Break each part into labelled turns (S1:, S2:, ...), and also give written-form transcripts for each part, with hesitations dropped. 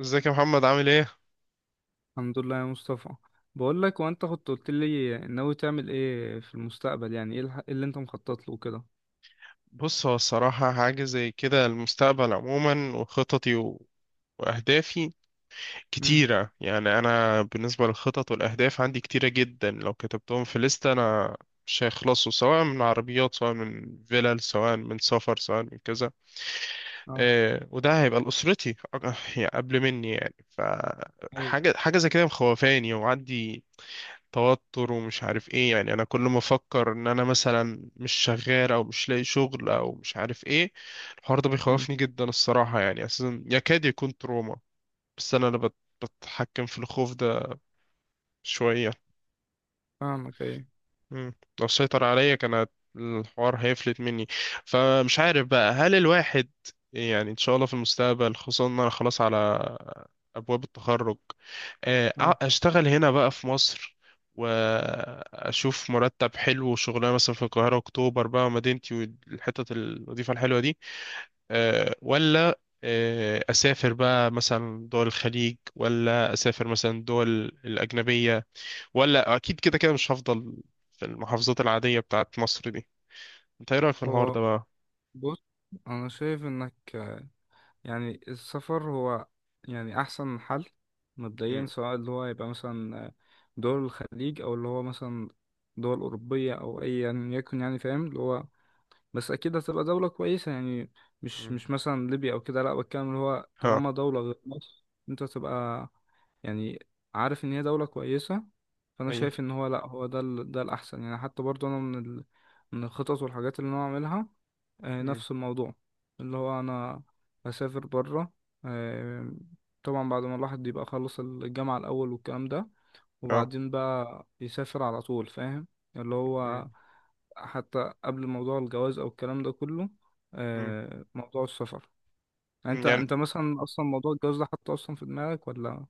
S1: ازيك يا محمد عامل ايه؟
S2: الحمد لله يا مصطفى. بقول لك، وانت كنت قلت لي ناوي تعمل ايه في المستقبل، يعني ايه إيه اللي انت مخطط له كده؟
S1: بص هو الصراحة حاجة زي كده المستقبل عموما وخططي وأهدافي
S2: امم.
S1: كتيرة. يعني أنا بالنسبة للخطط والأهداف عندي كتيرة جدا، لو كتبتهم في لستة أنا مش هيخلصوا، سواء من عربيات، سواء من فيلل، سواء من سفر، سواء من كذا.
S2: اه.
S1: إيه وده هيبقى لأسرتي يعني قبل مني، يعني
S2: ايه.
S1: فحاجة حاجة زي كده مخوفاني، وعندي توتر ومش عارف ايه. يعني انا كل ما افكر ان انا مثلا مش شغال او مش لاقي شغل او مش عارف ايه، الحوار ده
S2: امم.
S1: بيخوفني جدا الصراحة، يعني اساسا يكاد يكون تروما. بس انا اللي بتحكم في الخوف ده شوية.
S2: فاهمك، ايه؟
S1: مم. لو سيطر عليا كان الحوار هيفلت مني. فمش عارف بقى، هل الواحد يعني ان شاء الله في المستقبل، خصوصا ان انا خلاص على ابواب التخرج،
S2: اه.
S1: اشتغل هنا بقى في مصر، واشوف مرتب حلو وشغلانه مثلا في القاهره، اكتوبر بقى مدينتي، والحتت الوظيفه الحلوه دي، ولا اسافر بقى مثلا دول الخليج، ولا اسافر مثلا دول الاجنبيه، ولا اكيد كده كده مش هفضل في المحافظات العادية بتاعت مصر دي. انت ايه رأيك في الحوار
S2: هو
S1: ده بقى؟
S2: بص، انا شايف انك يعني السفر هو يعني احسن حل مبدئيا،
S1: مم.
S2: سواء اللي هو يبقى مثلا دول الخليج، او اللي هو مثلا دول اوروبيه او اي، يعني يكن يعني فاهم اللي هو، بس اكيد هتبقى دولة كويسة. يعني مش
S1: مم.
S2: مش مثلا ليبيا او كده، لا، بتكلم اللي هو
S1: ها.
S2: طالما دولة غير مصر انت تبقى يعني عارف ان هي دولة كويسة. فانا
S1: ايوه.
S2: شايف ان هو لا، هو ده ده الاحسن، يعني حتى برضو انا من الخطط والحاجات اللي انا اعملها.
S1: مم.
S2: نفس الموضوع، اللي هو انا هسافر بره. آه، طبعا بعد ما الواحد يبقى خلص الجامعة الاول والكلام ده،
S1: اه.
S2: وبعدين بقى يسافر على طول، فاهم؟ اللي هو
S1: مم.
S2: حتى قبل موضوع الجواز او الكلام ده كله،
S1: مم.
S2: موضوع السفر. يعني
S1: مم.
S2: انت
S1: يعني،
S2: انت مثلا اصلا موضوع الجواز ده حاطه اصلا في دماغك ولا؟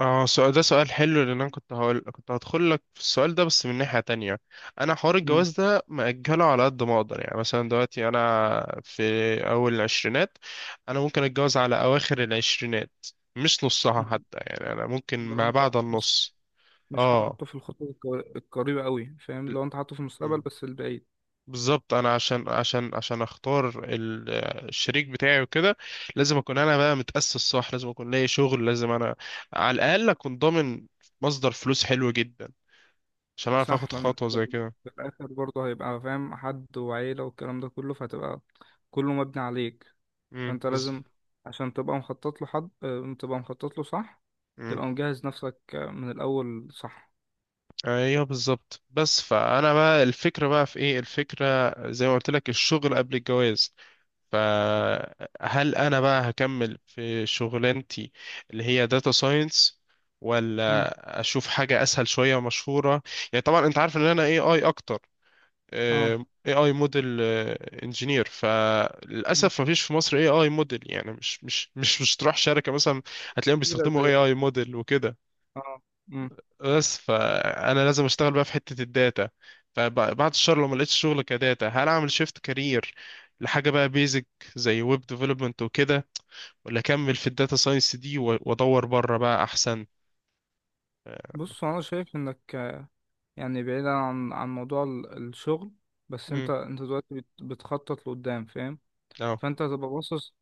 S1: اه سؤال، ده سؤال حلو، لان انا كنت هدخل لك في السؤال ده بس من ناحية تانية. انا حوار
S2: مم.
S1: الجواز ده مأجله على قد ما اقدر. يعني مثلا دلوقتي انا في اول العشرينات، انا ممكن اتجوز على اواخر العشرينات، مش نصها
S2: مم.
S1: حتى. يعني انا ممكن
S2: لو
S1: ما
S2: انت
S1: بعد
S2: مش
S1: النص.
S2: مش حاطه في الخطوة القريبة قوي، فاهم؟ لو انت حاطه في المستقبل
S1: اه
S2: بس البعيد.
S1: بالظبط، انا عشان اختار الشريك بتاعي وكده، لازم اكون انا بقى متأسس صح، لازم اكون لاقي شغل، لازم انا على الاقل اكون ضامن مصدر فلوس حلو جدا عشان اعرف اخد
S2: صح، لانك
S1: خطوة زي كده.
S2: في الاخر برضه هيبقى فاهم حد وعيلة والكلام ده كله، فهتبقى كله مبني عليك.
S1: امم
S2: فانت
S1: بز...
S2: لازم، عشان تبقى مخطط له حد تبقى مخطط له، صح؟
S1: امم
S2: تبقى مجهز نفسك من الاول، صح؟
S1: ايوه بالظبط. بس فانا بقى الفكرة بقى في ايه، الفكرة زي ما قلت لك الشغل قبل الجواز. فهل انا بقى هكمل في شغلانتي اللي هي داتا ساينس،
S2: مم.
S1: ولا اشوف حاجة اسهل شوية ومشهورة؟ يعني طبعا انت عارف ان انا اي اي اكتر،
S2: اه.
S1: اي اي موديل انجينير.
S2: مم.
S1: فللاسف ما فيش في مصر اي اي موديل. يعني مش تروح شركة مثلا هتلاقيهم
S2: كتيرة
S1: بيستخدموا اي
S2: زي.
S1: اي موديل وكده.
S2: اه. مم.
S1: بس فانا لازم اشتغل بقى في حته الداتا. فبعد الشهر لو ما لقيتش شغل كداتا، هل اعمل شيفت كارير لحاجه بقى بيزك زي ويب ديفلوبمنت وكده، ولا اكمل في الداتا ساينس دي وادور بره بقى احسن؟
S2: بص هو انا شايف انك يعني بعيدا عن موضوع الشغل، بس
S1: امم.
S2: انت دلوقتي بتخطط لقدام، فاهم؟
S1: اه.
S2: فانت هتبقى باصص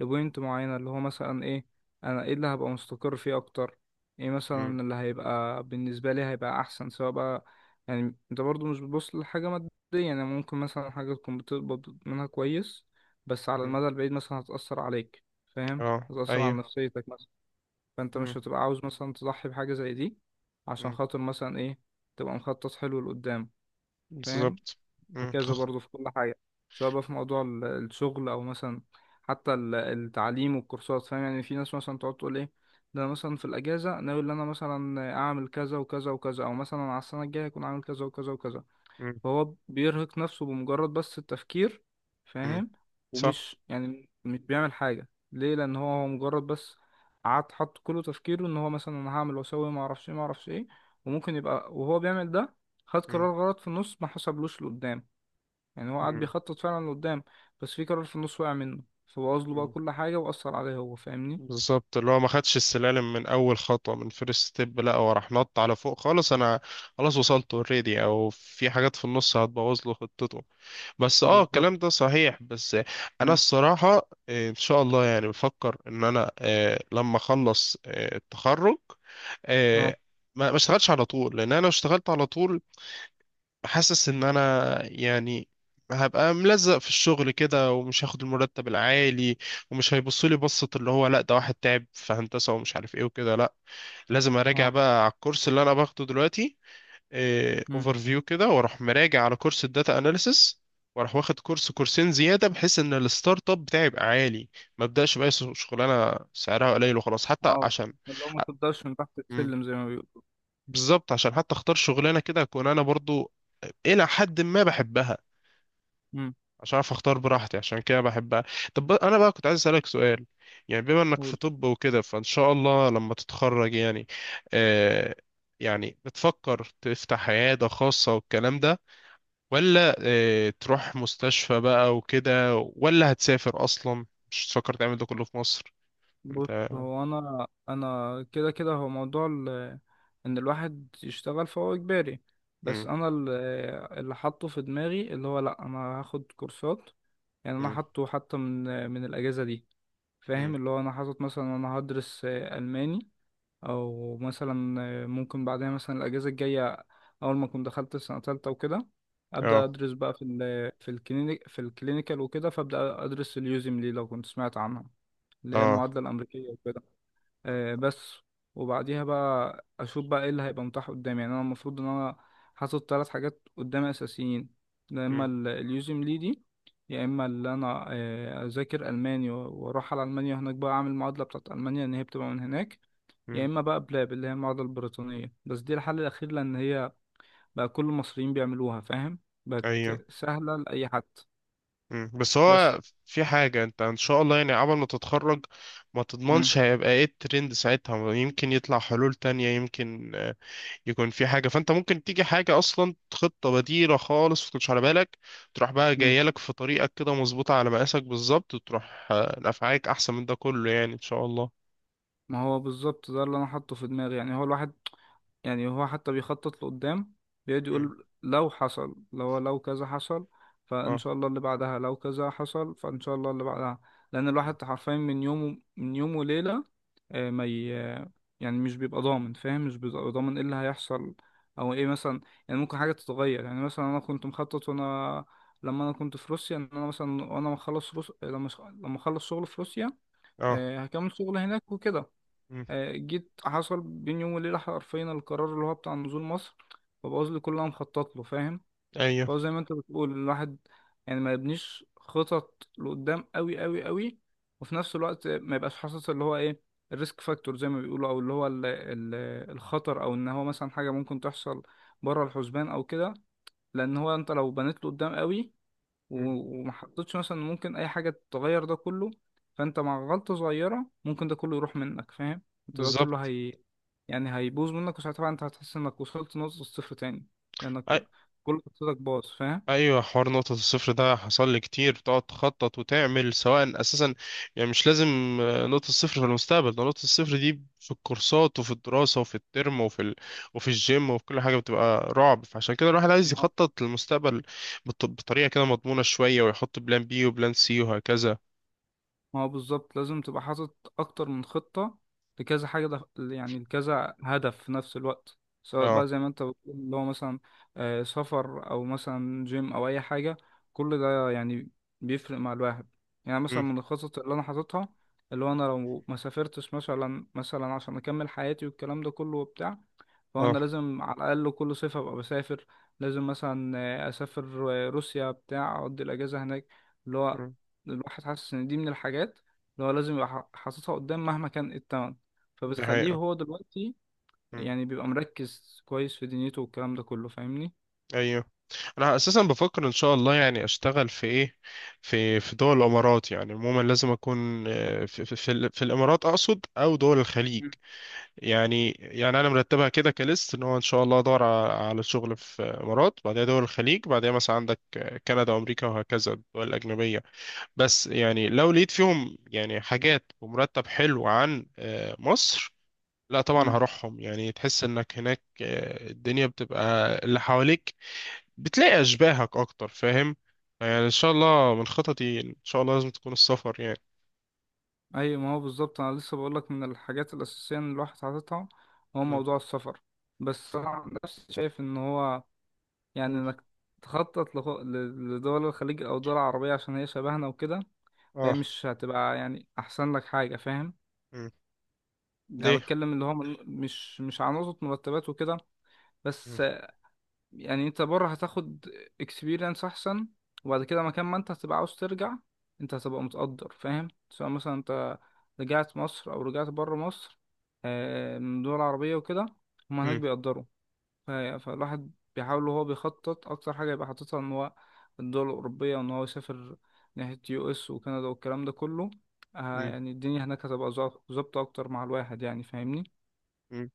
S2: لبوينت معينة، اللي هو مثلا ايه. انا ايه اللي هبقى مستقر فيه اكتر، ايه
S1: امم.
S2: مثلا اللي هيبقى بالنسبة لي هيبقى احسن، سواء بقى، يعني انت برضو مش بتبص لحاجة مادية. يعني ممكن مثلا حاجة تكون بتقبض منها كويس، بس على
S1: أمم.
S2: المدى البعيد مثلا هتأثر عليك، فاهم؟
S1: اه.
S2: هتأثر
S1: ايوه.
S2: على نفسيتك مثلا، فانت
S1: امم.
S2: مش هتبقى عاوز مثلا تضحي بحاجة زي دي عشان
S1: أمم.
S2: خاطر مثلا ايه، تبقى مخطط حلو لقدام، فاهم؟
S1: بالظبط. امم.
S2: وهكذا برضه في كل حاجة، سواء بقى في موضوع الشغل، أو مثلا حتى التعليم والكورسات، فاهم؟ يعني في ناس مثلا تقعد تقول إيه، ده أنا مثلا في الأجازة ناوي إن أنا مثلا أعمل كذا وكذا وكذا، أو مثلا على السنة الجاية أكون عامل كذا وكذا وكذا،
S1: أمم.
S2: فهو بيرهق نفسه بمجرد بس التفكير،
S1: أمم.
S2: فاهم؟
S1: صح.
S2: ومش يعني مش بيعمل حاجة، ليه؟ لأن هو مجرد بس قعد حط كله تفكيره إن هو مثلا، أنا هعمل وأسوي معرفش إيه معرفش إيه، وممكن يبقى وهو بيعمل ده، خد
S1: امم.
S2: قرار غلط في النص ما حسبلوش لقدام. يعني هو قعد بيخطط فعلا لقدام، بس في قرار في النص وقع منه، فبوظ له بقى
S1: أمم.
S2: كل حاجة وأثر عليه هو، فاهمني؟
S1: بالظبط، اللي هو ما خدش السلالم من اول خطوه، من فيرست ستيب، لا هو راح نط على فوق خالص. انا خلاص وصلت اوريدي، او في حاجات في النص هتبوظ له خطته. بس اه
S2: بالظبط.
S1: الكلام ده صحيح. بس انا
S2: مم.
S1: الصراحه ان شاء الله يعني بفكر ان انا لما اخلص التخرج،
S2: اه.
S1: آه، ما اشتغلش على طول، لان انا لو اشتغلت على طول حاسس ان انا يعني هبقى ملزق في الشغل كده ومش هاخد المرتب العالي، ومش هيبصوا لي بصة اللي هو لا ده واحد تعب في هندسة ومش عارف ايه وكده. لا، لازم اراجع
S2: اه.
S1: بقى على الكورس اللي انا باخده دلوقتي
S2: مم.
S1: اوفر فيو كده، واروح مراجع على كورس الداتا اناليسس، واروح واخد كورس كورسين زيادة، بحيث ان الستارت اب بتاعي يبقى عالي. ما ابداش بقى شغلانة سعرها قليل وخلاص، حتى
S2: اه.
S1: عشان.
S2: اللي هو ما تقدرش من تحت
S1: مم.
S2: السلم زي ما بيقولوا.
S1: بالظبط، عشان حتى اختار شغلانة كده اكون انا برضو الى حد ما بحبها،
S2: مم.
S1: عشان اعرف اختار براحتي عشان كده بحبها. طب انا بقى كنت عايز اسالك سؤال، يعني بما انك في
S2: قول.
S1: طب وكده، فان شاء الله لما تتخرج، يعني آه، يعني بتفكر تفتح عياده خاصه والكلام ده، ولا تروح مستشفى بقى وكده، ولا هتسافر اصلا، مش تفكر تعمل ده كله في مصر
S2: بص
S1: انت؟
S2: هو أنا كده كده هو موضوع إن الواحد يشتغل فهو إجباري،
S1: مم.
S2: بس أنا اللي حاطه في دماغي اللي هو لأ، أنا هاخد كورسات. يعني أنا
S1: مم.
S2: حاطه حتى من الأجازة دي،
S1: مم.
S2: فاهم؟ اللي هو أنا حاطط مثلا أنا هدرس ألماني، او مثلا ممكن بعدها مثلا الاجازه الجايه، اول ما اكون دخلت سنه تالتة وكده، ابدا
S1: اه.
S2: ادرس بقى في الكلينيكال وكده، فابدا ادرس اليوزم ليه، لو كنت سمعت عنها، اللي هي
S1: اه.
S2: المعادله الامريكيه وكده. بس، وبعديها بقى اشوف بقى ايه اللي هيبقى متاح قدامي. يعني انا المفروض ان انا حاطط ثلاث حاجات قدامي اساسيين. يا اما
S1: مم.
S2: اليوزم ليه دي، يا اما اللي انا اذاكر الماني واروح على المانيا هناك بقى اعمل المعادله بتاعت المانيا، ان هي بتبقى من هناك، يا
S1: مم.
S2: اما بقى بلاب، اللي هي المعادله البريطانيه، بس دي الحل الاخير لان هي بقى كل المصريين بيعملوها، فاهم؟ بقت
S1: ايوه.
S2: سهله لاي حد.
S1: مم. بس هو
S2: بس.
S1: في حاجة انت ان شاء الله يعني عبل ما تتخرج، ما
S2: مم.
S1: تضمنش هيبقى ايه الترند ساعتها. يمكن يطلع حلول تانية، يمكن يكون في حاجة، فانت ممكن تيجي حاجة اصلا خطة بديلة خالص ما كنتش على بالك، تروح بقى
S2: مم.
S1: جاية لك في طريقك كده مظبوطة على مقاسك بالظبط، وتروح نفعاك احسن من ده كله يعني ان شاء الله.
S2: ما هو بالظبط ده اللي انا حاطه في دماغي. يعني هو الواحد، يعني هو حتى بيخطط لقدام، بيقعد
S1: مم.
S2: يقول لو حصل، لو كذا حصل فإن
S1: اه.
S2: شاء الله اللي بعدها، لو كذا حصل فإن شاء الله اللي بعدها. لأن الواحد حرفيا من يوم وليلة، آه، ما ي... يعني مش بيبقى ضامن، فاهم؟ مش بيبقى ضامن ايه اللي هيحصل، او ايه مثلا. يعني ممكن حاجة تتغير. يعني مثلا انا كنت مخطط، وانا لما انا كنت في روسيا، ان انا مثلا لما اخلص شغل في روسيا،
S1: اه.
S2: هكمل شغل هناك وكده.
S1: مم.
S2: جيت حصل بين يوم وليلة حرفيا، القرار اللي هو بتاع نزول مصر، فبوظ لي كل اللي انا مخطط له، فاهم؟
S1: ايوه.
S2: فهو زي ما انت بتقول، الواحد يعني ما يبنيش خطط لقدام قوي قوي قوي، وفي نفس الوقت ما يبقاش حاسس اللي هو ايه الريسك فاكتور زي ما بيقولوا، او اللي هو ال ال الخطر، او ان هو مثلا حاجة ممكن تحصل بره الحسبان او كده. لان هو انت لو بنيت له قدام قوي،
S1: مم.
S2: و- وما حطيتش مثلا، ممكن اي حاجه تغير ده كله، فانت مع غلطه صغيره ممكن ده كله يروح منك، فاهم؟ انت ده كله
S1: بالظبط.
S2: هي يعني هيبوظ منك، وساعتها بقى انت هتحس انك وصلت نقطه الصفر تاني، لانك كل خطتك باظ، فاهم؟
S1: ايوه حوار نقطة الصفر ده حصل لي كتير، تقعد تخطط وتعمل سواء اساسا. يعني مش لازم نقطة الصفر في المستقبل، ده نقطة الصفر دي في الكورسات وفي الدراسة وفي الترم وفي الجيم وفي كل حاجة، بتبقى رعب. فعشان كده الواحد عايز يخطط للمستقبل بطريقة كده مضمونة شوية، ويحط بلان بي وبلان سي وهكذا.
S2: ما هو بالظبط لازم تبقى حاطط اكتر من خطة لكذا حاجة، ده يعني لكذا هدف في نفس الوقت، سواء بقى
S1: اه.
S2: زي ما انت بتقول اللي هو مثلا سفر او مثلا جيم او اي حاجة، كل ده يعني بيفرق مع الواحد. يعني مثلا
S1: امم.
S2: من الخطط اللي انا حاططها، اللي هو انا لو ما سافرتش مثلا عشان اكمل حياتي والكلام ده كله وبتاع،
S1: اه.
S2: فانا لازم على الاقل كل صيف ابقى بسافر، لازم مثلا اسافر روسيا بتاع، اقضي الاجازة هناك. اللي هو
S1: امم.
S2: الواحد حاسس ان دي من الحاجات اللي هو لازم يبقى حاططها قدام مهما كان إيه التمن،
S1: دي
S2: فبتخليه
S1: حقيقة.
S2: هو دلوقتي يعني بيبقى مركز كويس في دنيته والكلام ده كله، فاهمني؟
S1: ايوه انا اساسا بفكر ان شاء الله يعني اشتغل في ايه، في دول الامارات. يعني عموما لازم اكون في الامارات اقصد، او دول الخليج. يعني انا مرتبها كده كليست، ان هو ان شاء الله ادور على شغل في امارات، بعدها دول الخليج، بعدها مثلا عندك كندا وامريكا وهكذا الدول الاجنبيه. بس يعني لو لقيت فيهم يعني حاجات ومرتب حلو عن مصر، لا طبعا
S2: امم.
S1: هروحهم. يعني تحس انك هناك الدنيا بتبقى اللي حواليك بتلاقي أشباهك أكتر، فاهم؟ يعني إن شاء الله من خططي إن شاء الله لازم تكون السفر يعني.
S2: ايوه، ما هو بالظبط انا لسه بقول لك، من الحاجات الاساسيه ان الواحد حاططها هو
S1: مم.
S2: موضوع السفر. بس انا عن نفسي شايف ان هو، يعني
S1: مم.
S2: انك تخطط لدول الخليج او دول عربيه، عشان هي شبهنا وكده، فهي
S1: آه.
S2: مش هتبقى يعني احسن لك حاجه، فاهم؟
S1: مم.
S2: يعني
S1: ليه؟
S2: بتكلم اللي هو من، مش على نقطه مرتبات وكده، بس
S1: مم.
S2: يعني انت بره هتاخد اكسبيرينس احسن، وبعد كده مكان ما انت هتبقى عاوز ترجع، انت هتبقى متقدر، فاهم؟ سواء مثلا انت رجعت مصر او رجعت بره مصر، من دول عربية وكده، هما هناك
S1: مم.
S2: بيقدروا. فالواحد بيحاول وهو بيخطط اكتر حاجة يبقى حاططها، ان هو الدول الأوروبية، وان هو يسافر ناحية US وكندا والكلام ده كله.
S1: مم.
S2: يعني الدنيا هناك هتبقى ظابطة اكتر مع الواحد، يعني فاهمني؟
S1: مم.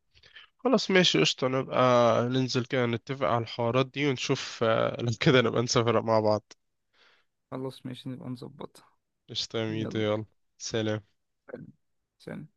S1: خلاص ماشي قشطة، نبقى ننزل كده نتفق على الحوارات دي، ونشوف لو كده نبقى نسافر مع بعض.
S2: خلاص ماشي، نبقى نظبطها.
S1: قشطة يا ميدو،
S2: يلا.
S1: يلا. سلام.
S2: سلام.